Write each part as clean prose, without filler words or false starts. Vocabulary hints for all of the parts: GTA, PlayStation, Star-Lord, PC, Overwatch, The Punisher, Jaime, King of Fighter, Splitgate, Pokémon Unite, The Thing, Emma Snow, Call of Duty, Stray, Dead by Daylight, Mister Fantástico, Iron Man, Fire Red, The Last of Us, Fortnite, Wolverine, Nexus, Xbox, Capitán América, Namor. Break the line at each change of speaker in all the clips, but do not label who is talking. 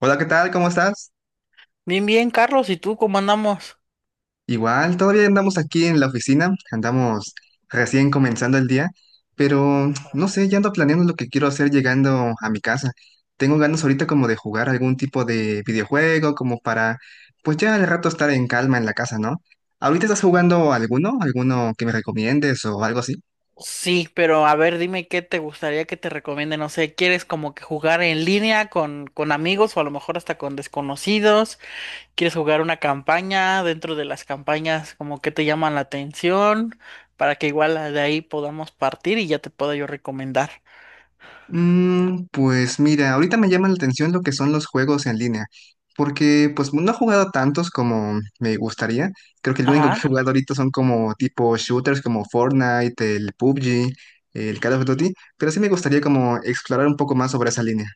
Hola, ¿qué tal? ¿Cómo estás?
Bien, bien, Carlos, ¿y tú cómo andamos?
Igual, todavía andamos aquí en la oficina, andamos recién comenzando el día, pero no sé, ya ando planeando lo que quiero hacer llegando a mi casa. Tengo ganas ahorita como de jugar algún tipo de videojuego, como para, pues ya al rato estar en calma en la casa, ¿no? ¿Ahorita estás
Mm.
jugando alguno? ¿Alguno que me recomiendes o algo así?
Sí, pero a ver, dime qué te gustaría que te recomiende, no sé, ¿quieres como que jugar en línea con amigos o a lo mejor hasta con desconocidos? ¿Quieres jugar una campaña dentro de las campañas como que te llaman la atención para que igual de ahí podamos partir y ya te pueda yo recomendar?
Mm, pues mira, ahorita me llama la atención lo que son los juegos en línea, porque pues no he jugado tantos como me gustaría. Creo que el único que he jugado ahorita son como tipo shooters como Fortnite, el PUBG, el Call of Duty, pero sí me gustaría como explorar un poco más sobre esa línea.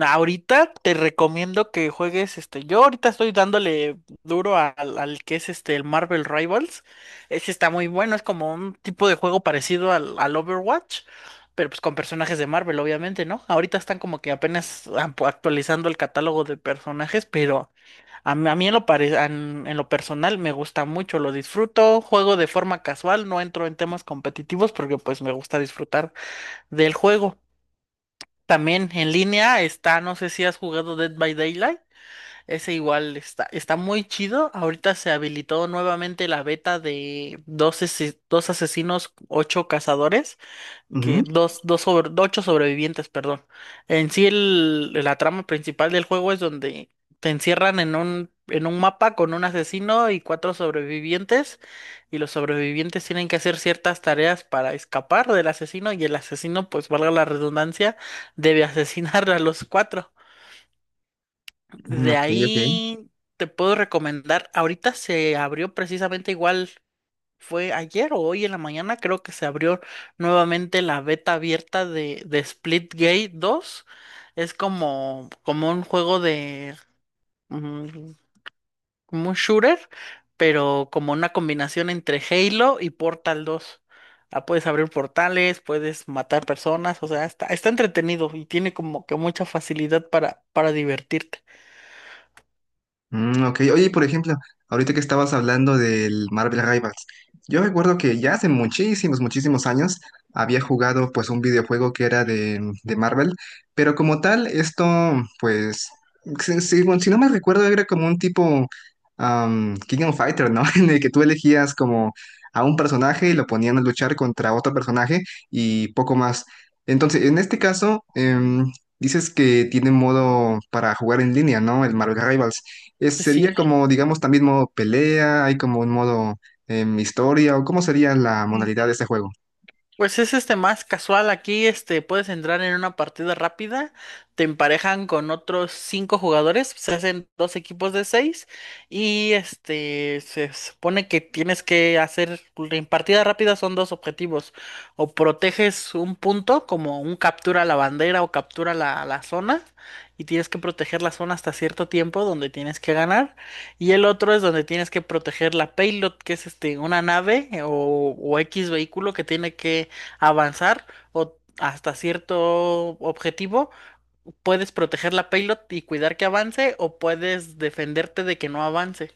Ahorita te recomiendo que juegues este. Yo ahorita estoy dándole duro al que es este el Marvel Rivals. Ese está muy bueno, es como un tipo de juego parecido al Overwatch, pero pues con personajes de Marvel, obviamente, ¿no? Ahorita están como que apenas actualizando el catálogo de personajes, pero a mí en en lo personal me gusta mucho, lo disfruto, juego de forma casual, no entro en temas competitivos porque pues me gusta disfrutar del juego. También en línea está, no sé si has jugado Dead by Daylight. Ese igual está, está muy chido. Ahorita se habilitó nuevamente la beta de dos asesinos, ocho cazadores que
Ujú,
ocho sobrevivientes, perdón. En sí la trama principal del juego es donde te encierran en en un mapa con un asesino y cuatro sobrevivientes, y los sobrevivientes tienen que hacer ciertas tareas para escapar del asesino, y el asesino, pues valga la redundancia, debe asesinar a los cuatro.
mm,
De
ok, ok.
ahí te puedo recomendar, ahorita se abrió precisamente igual. Fue ayer o hoy en la mañana, creo que se abrió nuevamente la beta abierta de Splitgate dos. Es como, como un juego de, mm, como un shooter, pero como una combinación entre Halo y Portal dos. Ah, puedes abrir portales, puedes matar personas, o sea, está, está entretenido y tiene como que mucha facilidad para divertirte.
Mm, ok, oye, por ejemplo, ahorita que estabas hablando del Marvel Rivals, yo recuerdo que ya hace muchísimos, muchísimos años había jugado pues un videojuego que era de Marvel, pero como tal, esto pues, bueno, si no me recuerdo, era como un tipo King of Fighter, ¿no? En el que tú elegías como a un personaje y lo ponían a luchar contra otro personaje y poco más. Entonces, en este caso, dices que tiene modo para jugar en línea, ¿no? El Marvel Rivals.
Sí,
¿Sería
sí.
como, digamos, también modo pelea? ¿Hay como un modo historia? ¿O cómo sería la modalidad de este juego?
Pues es este más casual aquí, este puedes entrar en una partida rápida, te emparejan con otros cinco jugadores, se hacen dos equipos de seis y este se supone que tienes que hacer pues, en partida rápida son dos objetivos, o proteges un punto como un captura la bandera o captura la zona y tienes que proteger la zona hasta cierto tiempo donde tienes que ganar. Y el otro es donde tienes que proteger la payload, que es este, una nave o X vehículo que tiene que avanzar o hasta cierto objetivo, puedes proteger la payload y cuidar que avance o puedes defenderte de que no avance.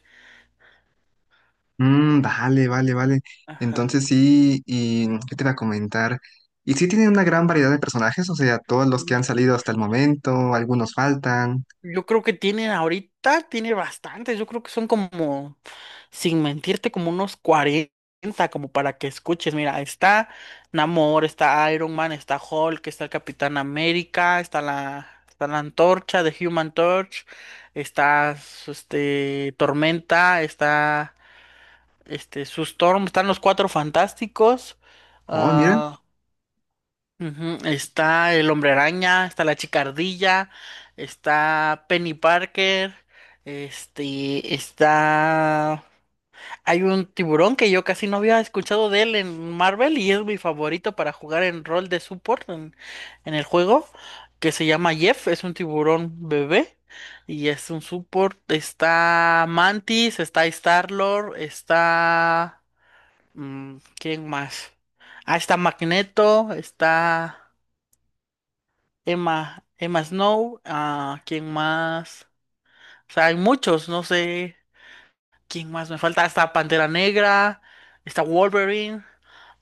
Mm, vale, vale, vale.
Ajá.
Entonces sí, ¿y qué te iba a comentar? ¿Y sí tiene una gran variedad de personajes? O sea, todos los que han salido hasta el momento, algunos faltan.
Yo creo que tienen ahorita, tiene bastantes, yo creo que son como, sin mentirte, como unos 40 como para que escuches. Mira, está Namor, está Iron Man, está Hulk, está el Capitán América, está está la Antorcha de Human Torch, está este, Tormenta, está... Este, su Storm, están los Cuatro Fantásticos.
Oh, mira,
Ah, ujú. Está el Hombre Araña, está la Chica Ardilla, está Penny Parker, este, está... Hay un tiburón que yo casi no había escuchado de él en Marvel y es mi favorito para jugar en rol de support en el juego, que se llama Jeff, es un tiburón bebé. Y es un support, está Mantis, está Star-Lord, está... Mm, ¿quién más? Ah, está Magneto, está Emma, Emma Snow, ah, ¿quién más? O sea, hay muchos, no sé quién más me falta. Está Pantera Negra, está Wolverine,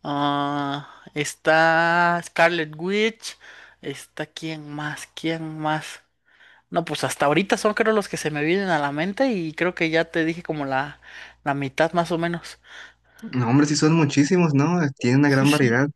ah, está Scarlet Witch, está quién más, quién más. No, pues hasta ahorita son creo los que se me vienen a la mente y creo que ya te dije como la mitad más o menos.
no, hombre, sí son muchísimos, ¿no? Tiene una
Sí,
gran
sí.
variedad.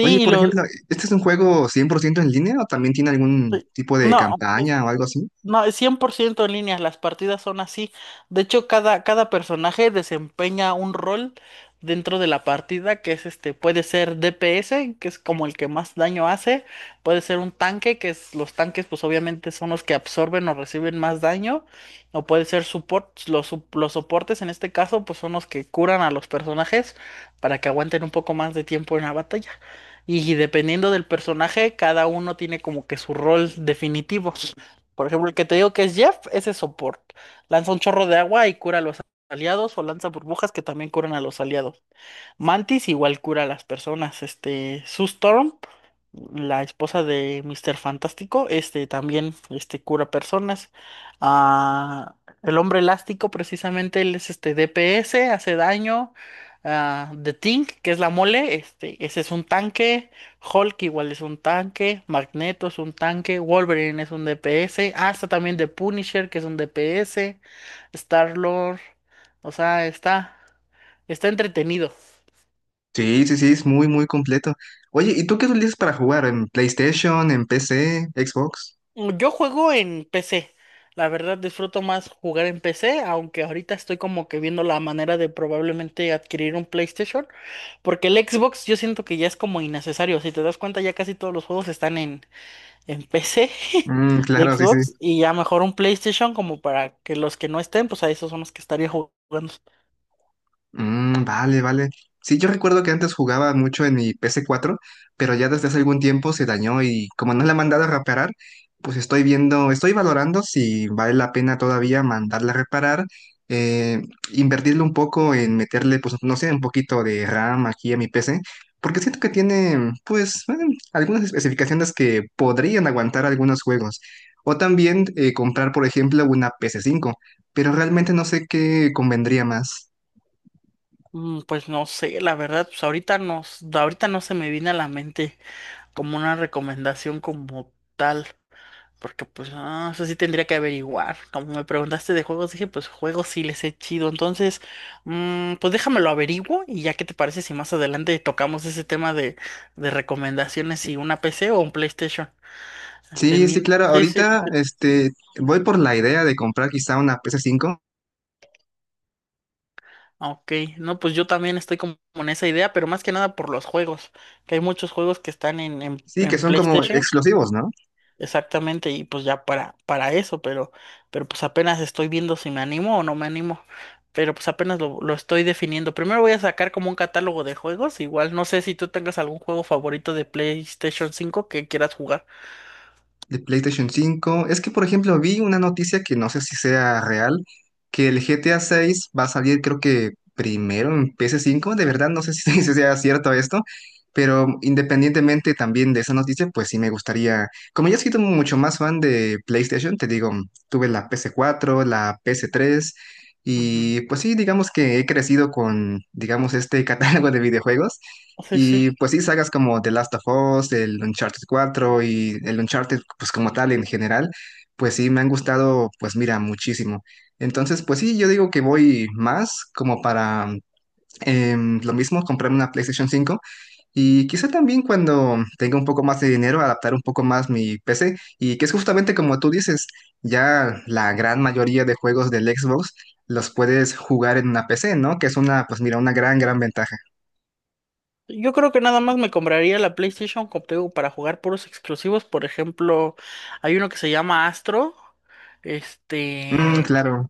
Oye,
y
por
lo...
ejemplo, ¿este es un juego 100% en línea o también tiene algún tipo de
No.
campaña o algo así?
No, es ciento en línea, las partidas son así. De hecho, cada personaje desempeña un rol dentro de la partida, que es este, puede ser DPS, que es como el que más daño hace, puede ser un tanque, que es, los tanques pues obviamente son los que absorben o reciben más daño, o puede ser support, los soportes en este caso pues son los que curan a los personajes para que aguanten un poco más de tiempo en la batalla. Y dependiendo del personaje, cada uno tiene como que su rol definitivo. Por ejemplo, el que te digo que es Jeff, ese es support. Lanza un chorro de agua y cura a los aliados, o lanza burbujas que también curan a los aliados. Mantis igual cura a las personas. Este, Sue Storm, la esposa de Mister Fantástico, este también este, cura personas. Ah, el hombre elástico, precisamente, él es este DPS, hace daño. Ah, The Thing, que es la mole, este, ese es un tanque. Hulk igual es un tanque. Magneto es un tanque. Wolverine es un DPS. Ah, está también The Punisher, que es un DPS. Star-Lord. O sea, está, está entretenido.
Sí, sí, sí, es muy, muy completo. Oye, ¿y tú qué utilizas para jugar? ¿En PlayStation, en PC, Xbox?
Mm, yo juego en PC. La verdad disfruto más jugar en PC, aunque ahorita estoy como que viendo la manera de probablemente adquirir un PlayStation, porque el Xbox yo siento que ya es como innecesario. Si te das cuenta, ya casi todos los juegos están en PC
Mm,
de
claro, sí, sí.
Xbox y ya mejor un PlayStation como para que los que no estén, pues a esos son los que estaría jugando.
Mm, vale, vale. Sí, yo recuerdo que antes jugaba mucho en mi PS4, pero ya desde hace algún tiempo se dañó y como no la he mandado a reparar, pues estoy viendo, estoy valorando si vale la pena todavía mandarla a reparar, eh, invertirle un poco en meterle, pues no sé, un poquito de RAM aquí a mi PC, porque siento que tiene, pues, algunas especificaciones que podrían aguantar algunos juegos. O también comprar, por ejemplo, una PS5, pero realmente no sé qué convendría más.
Mm, pues no sé, la verdad, pues ahorita no se me viene a la mente como una recomendación como tal. Porque pues, ah, eso sí tendría que averiguar. Como me preguntaste de juegos, dije, pues juegos sí les he chido. Entonces, mm, pues déjamelo averiguo y ya qué te parece si más adelante tocamos ese tema de recomendaciones, si una PC o un PlayStation. De
Sí, sí,
mil.
claro.
Sí, sí,
Ahorita,
sí.
voy por la idea de comprar quizá una PS5.
Ok, no, pues yo también estoy como en esa idea, pero más que nada por los juegos, que hay muchos juegos que están en, en,
Sí, que
en
son como
PlayStation.
exclusivos, ¿no?
Exactamente, y pues ya para eso, pero pues apenas estoy viendo si me animo o no me animo, pero pues apenas lo estoy definiendo. Primero voy a sacar como un catálogo de juegos, igual no sé si tú tengas algún juego favorito de PlayStation 5 que quieras jugar.
¿De PlayStation 5? Es que, por ejemplo, vi una noticia que no sé si sea real, que el GTA 6 va a salir creo que primero en PS5. De verdad, no sé si, si sea cierto esto, pero independientemente también de esa noticia, pues sí me gustaría, como yo soy sido mucho más fan de PlayStation, te digo, tuve la PS4, la PS3,
Ujú.
y pues sí, digamos que he crecido con, digamos, este catálogo de videojuegos.
Sí, sí.
Y pues sí, sagas como The Last of Us, el Uncharted 4 y el Uncharted, pues como tal en general, pues sí, me han gustado, pues mira, muchísimo. Entonces, pues sí, yo digo que voy más como para lo mismo, comprar una PlayStation 5 y quizá también cuando tenga un poco más de dinero, adaptar un poco más mi PC y que es justamente como tú dices, ya la gran mayoría de juegos del Xbox los puedes jugar en una PC, ¿no? Que es una, pues mira, una gran, gran ventaja.
Yo creo que nada más me compraría la PlayStation como te digo, para jugar puros exclusivos. Por ejemplo, hay uno que se llama Astro.
Mm,
Este,
claro.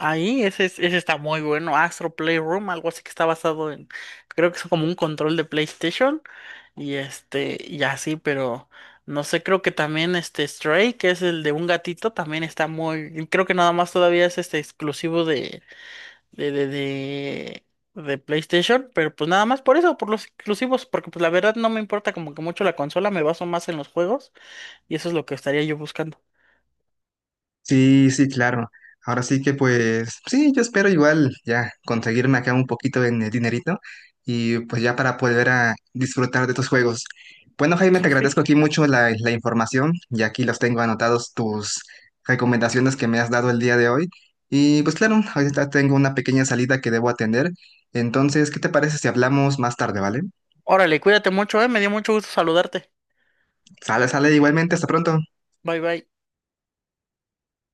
ahí, ese está muy bueno. Astro Playroom, algo así que está basado en, creo que es como un control de PlayStation. Y este, y así, pero no sé, creo que también este Stray, que es el de un gatito, también está muy, creo que nada más todavía es este exclusivo de, de, de, de PlayStation, pero pues nada más por eso, por los exclusivos, porque pues la verdad no me importa como que mucho la consola, me baso más en los juegos, y eso es lo que estaría yo buscando.
Sí, sí, claro. Ahora sí que pues, sí, yo espero igual ya conseguirme acá un poquito en el dinerito y pues ya para poder a disfrutar de tus juegos. Bueno, Jaime, te
Sí,
agradezco
sí.
aquí mucho la información y aquí los tengo anotados tus recomendaciones que me has dado el día de hoy. Y pues claro, ahorita tengo una pequeña salida que debo atender. Entonces, ¿qué te parece si hablamos más tarde, ¿vale?
Órale, cuídate mucho, me dio mucho gusto saludarte.
Sale, sale igualmente, hasta pronto.
Bye bye.